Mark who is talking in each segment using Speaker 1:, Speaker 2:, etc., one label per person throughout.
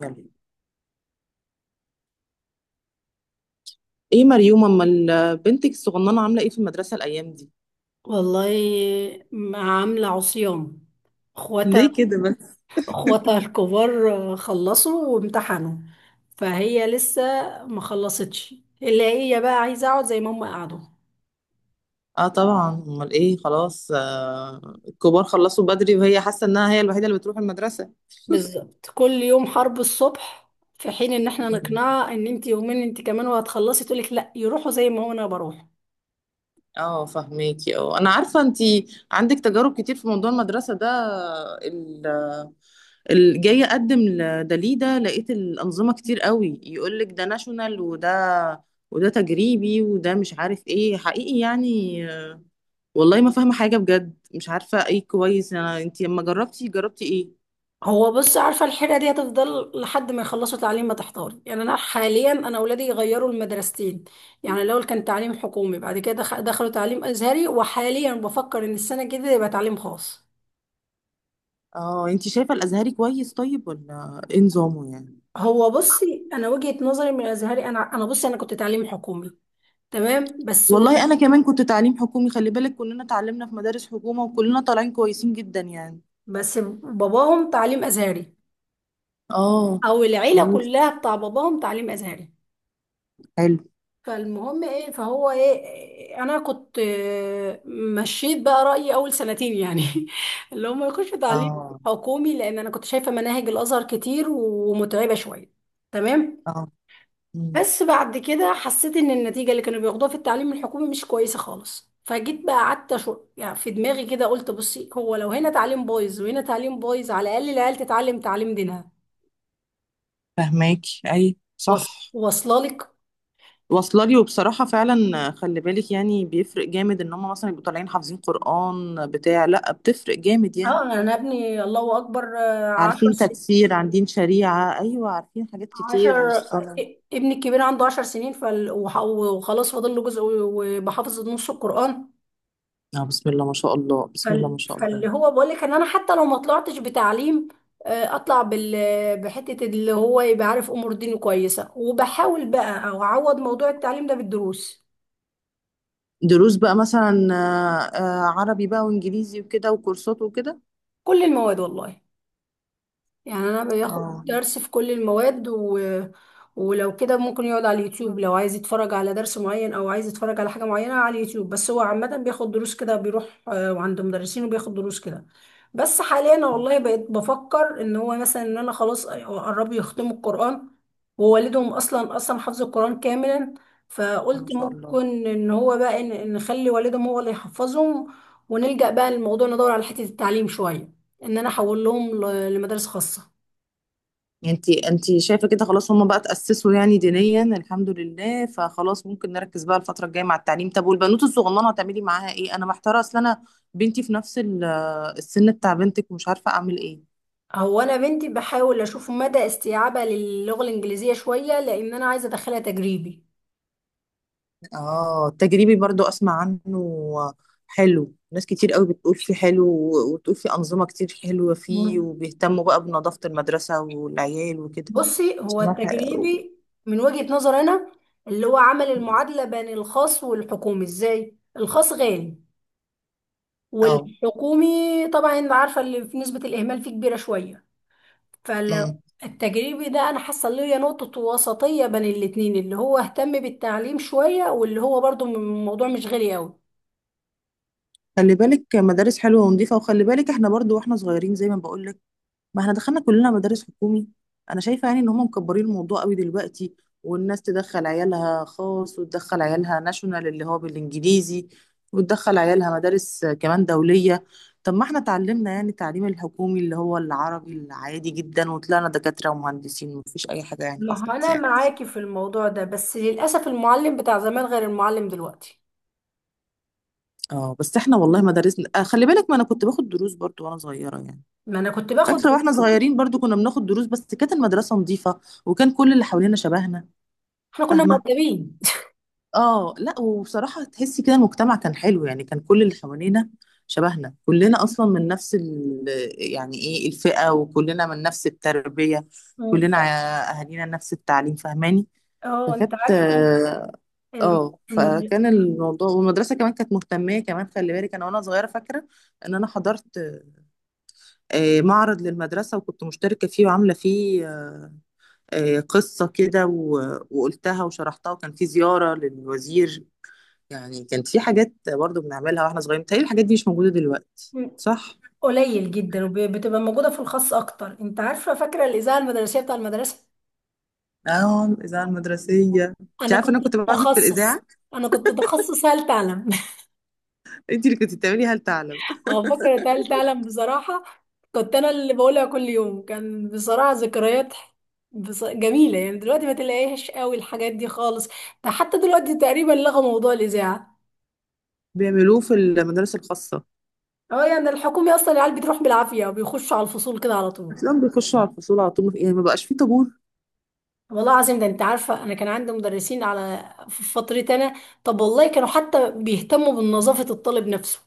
Speaker 1: يلا، ايه مريوم، امال بنتك الصغننه عامله ايه في المدرسه الايام دي؟
Speaker 2: والله، مع عاملة عصيان. اخواتها
Speaker 1: ليه كده بس؟
Speaker 2: اخواتها الكبار خلصوا وامتحنوا، فهي لسه ما خلصتش، اللي هي بقى عايزة اقعد زي ما هم قعدوا.
Speaker 1: اه طبعا، امال ايه، خلاص، الكبار خلصوا بدري، وهي حاسه انها هي الوحيده اللي بتروح المدرسه.
Speaker 2: بالظبط كل يوم حرب الصبح، في حين ان احنا
Speaker 1: مم.
Speaker 2: نقنعها ان انت يومين انت كمان وهتخلصي، تقولك لا يروحوا زي ما هو انا بروح.
Speaker 1: اه، فهميكي، انا عارفه انت عندك تجارب كتير في موضوع المدرسه ده. ال- جايه اقدم لدليده، لقيت الانظمه كتير قوي، يقول لك ده ناشونال، وده تجريبي، وده مش عارف ايه حقيقي يعني. والله ما فاهمة حاجة بجد، مش عارفة ايه كويس. انا انتي لما جربتي ايه؟
Speaker 2: هو بص عارفه الحيره دي هتفضل لحد ما يخلصوا تعليم، ما تحتار يعني. انا حاليا انا اولادي يغيروا المدرستين، يعني الاول كان تعليم حكومي، بعد كده دخلوا تعليم ازهري، وحاليا بفكر ان السنه الجديده يبقى تعليم خاص.
Speaker 1: اه، انتي شايفة الازهري كويس طيب ولا ايه نظامه يعني؟
Speaker 2: هو بصي انا وجهه نظري من الازهري، انا بصي انا كنت تعليم حكومي تمام، بس ولد.
Speaker 1: والله انا كمان كنت تعليم حكومي، خلي بالك كلنا اتعلمنا في مدارس حكومة، وكلنا طالعين كويسين جدا يعني.
Speaker 2: بس باباهم تعليم ازهري،
Speaker 1: اه.
Speaker 2: او العيله
Speaker 1: بس.
Speaker 2: كلها بتاع باباهم تعليم ازهري.
Speaker 1: حلو.
Speaker 2: فالمهم ايه، فهو ايه، انا كنت مشيت بقى رأيي اول سنتين يعني اللي هم يخشوا تعليم
Speaker 1: اه،
Speaker 2: حكومي، لان انا كنت شايفة مناهج الازهر كتير ومتعبة شوية تمام.
Speaker 1: اه. مم.
Speaker 2: بس بعد كده حسيت ان النتيجة اللي كانوا بياخدوها في التعليم الحكومي مش كويسة خالص، فجيت بقى قعدت شو يعني في دماغي كده، قلت بصي هو لو هنا تعليم بايظ وهنا تعليم بايظ، على الاقل العيال تتعلم تعليم دينها.
Speaker 1: فهماكي، اي،
Speaker 2: واص-
Speaker 1: صح.
Speaker 2: واصله لك.
Speaker 1: واصله لي. وبصراحه فعلا خلي بالك، يعني بيفرق جامد، ان هم مثلا يبقوا طالعين حافظين قران بتاع لا، بتفرق جامد يعني.
Speaker 2: اه انا ابني الله اكبر
Speaker 1: عارفين
Speaker 2: 10
Speaker 1: تكفير، عندين شريعة، أيوة عارفين حاجات كتير،
Speaker 2: عشر.
Speaker 1: الصلاة.
Speaker 2: ابني الكبير عنده عشر سنين وخلاص فاضل له جزء وبحافظ نص القرآن.
Speaker 1: آه، بسم الله ما شاء الله، بسم الله ما شاء الله.
Speaker 2: فاللي هو بقول لك ان انا حتى لو ما طلعتش بتعليم اطلع بحتة، اللي هو يبقى عارف امور دينه كويسة، وبحاول بقى او اعوض موضوع التعليم ده بالدروس.
Speaker 1: دروس بقى مثلا، عربي بقى وإنجليزي وكده وكورسات وكده؟
Speaker 2: كل المواد والله، يعني انا باخد
Speaker 1: اه.
Speaker 2: درس في كل المواد ولو كده ممكن يقعد على اليوتيوب لو عايز يتفرج على درس معين او عايز يتفرج على حاجة معينة على اليوتيوب. بس هو عامة بياخد دروس كده، بيروح عند مدرسين وبياخد دروس كده. بس حاليا
Speaker 1: آه،
Speaker 2: والله بقيت بفكر ان هو مثلا ان انا خلاص قربوا يختموا القرآن، ووالدهم اصلا حفظ القرآن كاملا،
Speaker 1: ما
Speaker 2: فقلت
Speaker 1: شاء الله.
Speaker 2: ممكن ان هو بقى إن نخلي والدهم هو اللي يحفظهم، ونلجأ بقى للموضوع ندور على حتة التعليم شوية، ان انا احول لهم لمدارس خاصه.
Speaker 1: انتي شايفة كده خلاص، هما بقى تأسسوا يعني دينيا الحمد لله، فخلاص ممكن نركز بقى الفترة الجاية مع التعليم. طب والبنوت الصغننة هتعملي معاها ايه؟ أنا محتارة، أصل أنا بنتي في نفس السن بتاع بنتك، ومش عارفة أعمل ايه.
Speaker 2: هو انا بنتي بحاول اشوف مدى استيعابها للغه الانجليزيه شويه، لان انا عايزه ادخلها تجريبي.
Speaker 1: اه، التجريبي برضو اسمع عنه. حلو. ناس كتير قوي بتقول فيه حلو، وتقول فيه انظمه كتير حلوه فيه،
Speaker 2: مم.
Speaker 1: وبيهتموا بقى بنظافه المدرسه والعيال وكده.
Speaker 2: بصي هو
Speaker 1: سمعت.
Speaker 2: التجريبي من وجهه نظر انا، اللي هو عمل المعادله بين الخاص والحكومي. ازاي؟ الخاص غالي،
Speaker 1: اه.
Speaker 2: والحكومي طبعا انت عارفه اللي في نسبه الاهمال فيه كبيره شويه.
Speaker 1: أمم.
Speaker 2: فالتجريبي ده انا حاسه اللي هي نقطه وسطيه بين الاتنين، اللي هو اهتم بالتعليم شويه، واللي هو برضو الموضوع مش غالي قوي.
Speaker 1: خلي بالك مدارس حلوه ونظيفه، وخلي بالك احنا برضو واحنا صغيرين زي ما بقول لك. ما احنا دخلنا كلنا مدارس حكومي. انا شايفه يعني ان هم مكبرين الموضوع قوي دلوقتي. والناس تدخل عيالها خاص، وتدخل عيالها ناشونال اللي هو بالانجليزي، وتدخل عيالها مدارس كمان دوليه. طب ما احنا اتعلمنا يعني التعليم الحكومي اللي هو العربي العادي جدا، وطلعنا دكاتره ومهندسين، ومفيش اي حاجه يعني
Speaker 2: ما هو
Speaker 1: حصلت
Speaker 2: انا
Speaker 1: يعني.
Speaker 2: معاكي في الموضوع ده، بس للاسف المعلم بتاع زمان غير المعلم دلوقتي.
Speaker 1: اه، بس احنا والله مدارسنا خلي بالك، ما انا كنت باخد دروس برضو وانا صغيره يعني.
Speaker 2: ما انا كنت باخد
Speaker 1: فاكره واحنا
Speaker 2: دروس.
Speaker 1: صغيرين برضو كنا بناخد دروس، بس كانت المدرسه نظيفه، وكان كل اللي حوالينا شبهنا.
Speaker 2: احنا كنا
Speaker 1: فاهمه.
Speaker 2: مؤدبين.
Speaker 1: اه لا، وبصراحة تحسي كده المجتمع كان حلو يعني، كان كل اللي حوالينا شبهنا، كلنا أصلا من نفس ال، يعني ايه، الفئة، وكلنا من نفس التربية.
Speaker 2: مم.
Speaker 1: كلنا أهالينا نفس التعليم، فاهماني.
Speaker 2: اه انت
Speaker 1: فكانت
Speaker 2: عارفه.
Speaker 1: اه
Speaker 2: ال- المد-
Speaker 1: فكان الموضوع، والمدرسة كمان كانت مهتمة كمان، خلي بالك أنا وأنا صغيرة فاكرة إن أنا حضرت معرض للمدرسة، وكنت مشتركة فيه وعاملة فيه قصة كده، وقلتها وشرحتها، وكان في زيارة للوزير. يعني كانت في حاجات برضو بنعملها واحنا صغيرين، تهيألي الحاجات دي مش موجودة دلوقتي،
Speaker 2: مم.
Speaker 1: صح؟
Speaker 2: قليل جدا وبتبقى موجوده في الخاص اكتر. انت عارفه فاكره الاذاعه المدرسيه بتاع المدرسه.
Speaker 1: اه، الإذاعة المدرسية، انت
Speaker 2: انا
Speaker 1: عارفة
Speaker 2: كنت
Speaker 1: انا كنت بعزف في
Speaker 2: تخصص،
Speaker 1: الإذاعة.
Speaker 2: انا كنت تخصص هل تعلم.
Speaker 1: انت اللي كنت بتعملي هل تعلم؟
Speaker 2: اه فكرة تالتة تعلم بصراحة، كنت انا اللي بقولها كل يوم. كان بصراحة ذكريات جميلة يعني. دلوقتي ما تلاقيهاش قوي الحاجات دي خالص، ده حتى دلوقتي تقريبا لغى موضوع الإذاعة.
Speaker 1: بيعملوه في المدارس الخاصة.
Speaker 2: اه يعني الحكومي اصلا العيال بتروح بالعافية وبيخشوا على الفصول كده على طول.
Speaker 1: تلاقيهم بيخشوا على الفصول على طول، يعني ما بقاش فيه طابور.
Speaker 2: والله العظيم، ده انت عارفة انا كان عندي مدرسين على في فترتي انا، طب والله كانوا حتى بيهتموا بنظافة الطالب نفسه.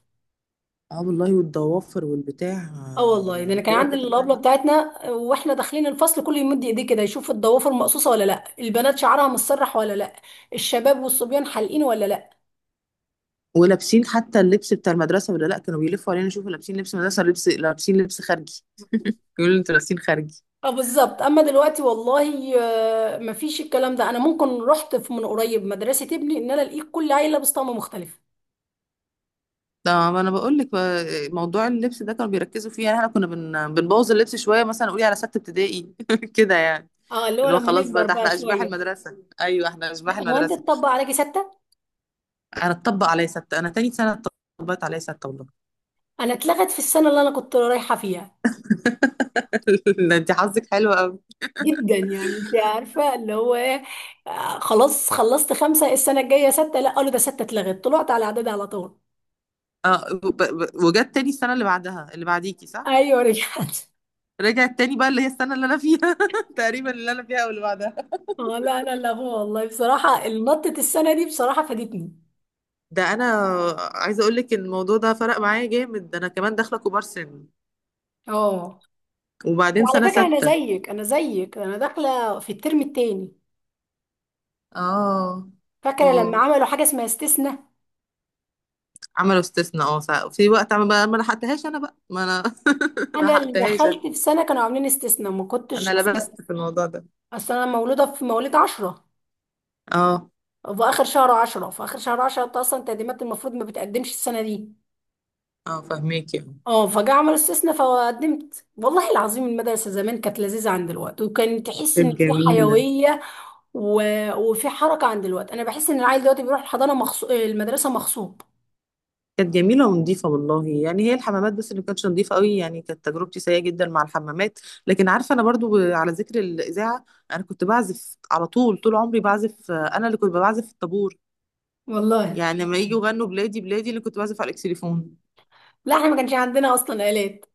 Speaker 1: اه والله، والضوافر والبتاع،
Speaker 2: اه والله ده
Speaker 1: يعني
Speaker 2: انا كان
Speaker 1: هو
Speaker 2: عندي
Speaker 1: كده فعلا.
Speaker 2: الابله بتاعتنا واحنا داخلين الفصل، كل يمد ايديه كده يشوف الضوافر مقصوصه ولا لا، البنات شعرها متسرح ولا لا، الشباب والصبيان حالقين ولا لا.
Speaker 1: ولابسين حتى اللبس بتاع المدرسة ولا لا، كانوا بيلفوا علينا يشوفوا لابسين لبس مدرسة ولا لبس، لابسين لبس خارجي. يقولوا انتوا لابسين خارجي.
Speaker 2: اه بالظبط، اما دلوقتي والله مفيش الكلام ده. انا ممكن رحت في من قريب مدرسه ابني ان انا الاقيك كل عيله لابس طقم مختلف.
Speaker 1: ده ما انا بقول لك بقى، موضوع اللبس ده كانوا بيركزوا فيه، يعني احنا كنا بنبوظ اللبس شويه، مثلا قولي على سته ابتدائي كده يعني.
Speaker 2: اه اللي هو
Speaker 1: اللي هو
Speaker 2: لما
Speaker 1: خلاص بقى،
Speaker 2: نكبر
Speaker 1: ده
Speaker 2: بقى
Speaker 1: احنا اشباح
Speaker 2: شويه.
Speaker 1: المدرسه، ايوه احنا اشباح
Speaker 2: هو انت
Speaker 1: المدرسه.
Speaker 2: تطبق عليكي سته؟
Speaker 1: انا اتطبق عليا سته، انا تاني سنه اتطبقت عليا سته والله.
Speaker 2: انا اتلغت في السنه اللي انا كنت رايحه فيها،
Speaker 1: لا، انت حظك حلو قوي.
Speaker 2: جدا يعني. انت عارفه اللي هو ايه، خلاص خلصت خمسه، السنه الجايه سته، لا قالوا ده سته اتلغت، طلعت على اعدادي على طول.
Speaker 1: اه، وجت تاني السنه اللي بعدها اللي بعديكي، صح؟
Speaker 2: ايوه رجعت.
Speaker 1: رجعت تاني بقى، اللي هي السنه اللي انا فيها تقريبا، اللي انا فيها واللي بعدها.
Speaker 2: اه لا، انا لا، هو والله بصراحه نطه السنه دي بصراحه فادتني.
Speaker 1: ده انا عايزه اقول لك، الموضوع ده فرق معايا جامد، ده انا كمان داخله كبار سن،
Speaker 2: اه
Speaker 1: وبعدين
Speaker 2: على
Speaker 1: سنه
Speaker 2: فكره انا
Speaker 1: سته.
Speaker 2: زيك، انا زيك انا داخله في الترم التاني،
Speaker 1: اه.
Speaker 2: فاكره لما
Speaker 1: مم.
Speaker 2: عملوا حاجه اسمها استثناء.
Speaker 1: عملوا استثناء، اه، في وقت ما لحقتهاش انا بقى، ما انا ما
Speaker 2: انا اللي
Speaker 1: لحقتهاش
Speaker 2: دخلت
Speaker 1: انا.
Speaker 2: في سنه كانوا عاملين استثناء، ما كنتش
Speaker 1: انا
Speaker 2: اصلا.
Speaker 1: لبست في الموضوع ده.
Speaker 2: اصل انا مولوده في مواليد 10،
Speaker 1: اه،
Speaker 2: في اخر شهر 10، في اخر شهر 10. انت اصلا تقديمات المفروض ما بتقدمش السنه دي.
Speaker 1: اه، فهميكي، اه.
Speaker 2: اه فجاء عمل استثناء فقدمت. والله العظيم المدرسة زمان كانت لذيذة عن دلوقتي، وكان تحس ان
Speaker 1: كانت
Speaker 2: في
Speaker 1: جميلة.
Speaker 2: حيوية و... وفي حركة عن دلوقتي. انا بحس ان العيل دلوقتي بيروح الحضانة المدرسة مغصوب.
Speaker 1: كانت جميلة ونظيفة والله، يعني هي الحمامات بس اللي كانتش نظيفة قوي، يعني كانت تجربتي سيئة جدا مع الحمامات. لكن عارفة أنا برضو، على ذكر الإذاعة، أنا كنت بعزف على طول، طول عمري بعزف. أنا اللي كنت بعزف في الطابور،
Speaker 2: والله
Speaker 1: يعني لما يجوا يغنوا بلادي بلادي، اللي كنت بعزف على الإكسليفون.
Speaker 2: لا احنا ما كانش عندنا اصلا آلات.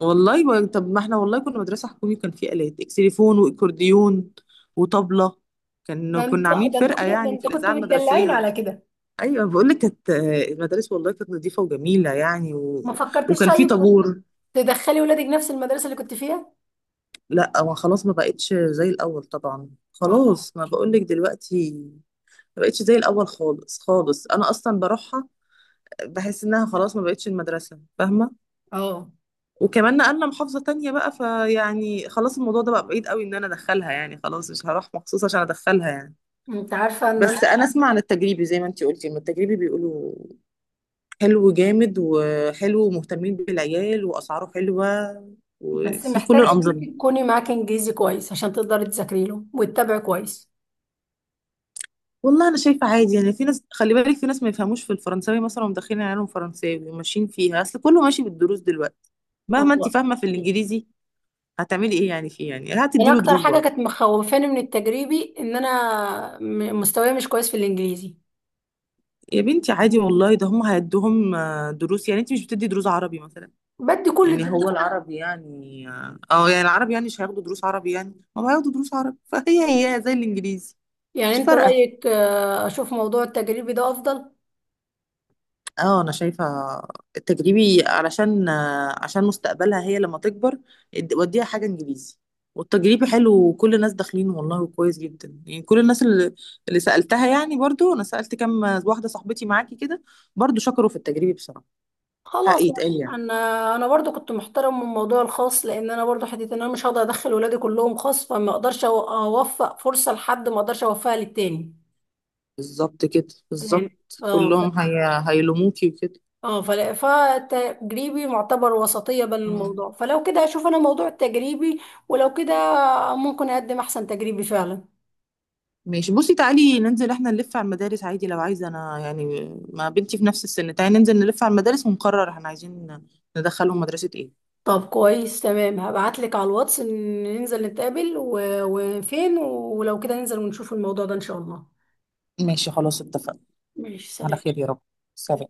Speaker 1: والله، طب ما احنا والله كنا مدرسة حكومي، كان في آلات اكسليفون واكورديون وطبلة.
Speaker 2: ده
Speaker 1: كنا
Speaker 2: انتوا
Speaker 1: عاملين
Speaker 2: ده انتوا
Speaker 1: فرقة
Speaker 2: كنتوا ده
Speaker 1: يعني في
Speaker 2: انتوا
Speaker 1: الإذاعة
Speaker 2: كنتوا متدلعين
Speaker 1: المدرسية.
Speaker 2: على كده.
Speaker 1: أيوة بقول لك، كانت المدارس والله كانت نظيفة وجميلة يعني
Speaker 2: ما فكرتش
Speaker 1: وكان في
Speaker 2: طيب
Speaker 1: طابور.
Speaker 2: تدخلي ولادك نفس المدرسة اللي كنت فيها؟
Speaker 1: لا، ما خلاص ما بقتش زي الأول طبعا،
Speaker 2: اه.
Speaker 1: خلاص ما بقول لك دلوقتي، ما بقتش زي الأول خالص خالص، أنا أصلا بروحها بحس إنها خلاص ما بقتش المدرسة، فاهمة.
Speaker 2: اه
Speaker 1: وكمان نقلنا محافظة تانية بقى، فيعني خلاص، الموضوع ده بقى بعيد قوي ان انا ادخلها يعني، خلاص مش هروح مخصوص عشان ادخلها يعني.
Speaker 2: انت عارفة ان انا،
Speaker 1: بس انا اسمع عن التجريبي، زي ما انتي قلتي، إن التجريبي بيقولوا حلو جامد، وحلو ومهتمين بالعيال، واسعاره حلوة،
Speaker 2: بس
Speaker 1: وفي كل
Speaker 2: محتاجة
Speaker 1: الانظمة.
Speaker 2: إنك تكوني معاكي انجليزي كويس عشان تقدري تذاكري له وتتابعي كويس.
Speaker 1: والله انا شايفة عادي، يعني في ناس، خلي بالك في ناس ما يفهموش في الفرنساوي مثلا ومدخلين عيالهم فرنساوي وماشيين فيها، اصل كله ماشي بالدروس دلوقتي. مهما انتي
Speaker 2: والله
Speaker 1: فاهمة في الانجليزي، هتعملي ايه يعني فيه، يعني
Speaker 2: يعني
Speaker 1: هتديله
Speaker 2: اكتر
Speaker 1: دروس
Speaker 2: حاجه
Speaker 1: برضه.
Speaker 2: كانت مخوفاني من التجريبي ان انا مستواي مش كويس في الانجليزي.
Speaker 1: يا بنتي عادي والله، ده هم هيدوهم دروس، يعني انت مش بتدي دروس عربي مثلا؟
Speaker 2: بدي كل
Speaker 1: يعني هو
Speaker 2: الدروس
Speaker 1: العربي يعني يعني العربي يعني مش هياخدوا دروس عربي؟ يعني هم هياخدوا دروس عربي فهي هي زي الانجليزي.
Speaker 2: يعني.
Speaker 1: مش
Speaker 2: انت
Speaker 1: فارقه.
Speaker 2: رايك اشوف موضوع التجريبي ده افضل؟
Speaker 1: اه، انا شايفه التجريبي، علشان آه، عشان مستقبلها هي لما تكبر، وديها حاجه انجليزي. والتجريبي حلو، وكل الناس داخلين والله وكويس جدا يعني، كل الناس اللي، اللي سالتها يعني، برضو انا سالت كم واحده صاحبتي معاكي كده، برضو شكروا في التجريبي بصراحه. حق
Speaker 2: خلاص يعني.
Speaker 1: يتقال يعني.
Speaker 2: انا انا برضو كنت محترم من الموضوع الخاص، لان انا برضو حته ان انا مش هقدر ادخل ولادي كلهم خاص، فما اقدرش اوفق فرصه لحد ما اقدرش اوفقها للتاني.
Speaker 1: بالظبط كده،
Speaker 2: يعني
Speaker 1: بالظبط.
Speaker 2: اه
Speaker 1: كلهم هيلوموكي وكده.
Speaker 2: فلا، فالتجريبي معتبر وسطيه بين
Speaker 1: مم.
Speaker 2: الموضوع. فلو كده هشوف انا موضوع التجريبي، ولو كده ممكن اقدم احسن تجريبي فعلا.
Speaker 1: ماشي، بصي تعالي ننزل احنا نلف على المدارس عادي لو عايزه، انا يعني ما بنتي في نفس السن، تعالي ننزل نلف على المدارس ونقرر احنا عايزين ندخلهم مدرسة ايه.
Speaker 2: طب كويس تمام، هبعتلك على الواتس إن ننزل نتقابل وفين، ولو كده ننزل ونشوف الموضوع ده ان شاء الله.
Speaker 1: ماشي خلاص، اتفقنا.
Speaker 2: ماشي
Speaker 1: على
Speaker 2: سلام.
Speaker 1: خير يا رب. سلام.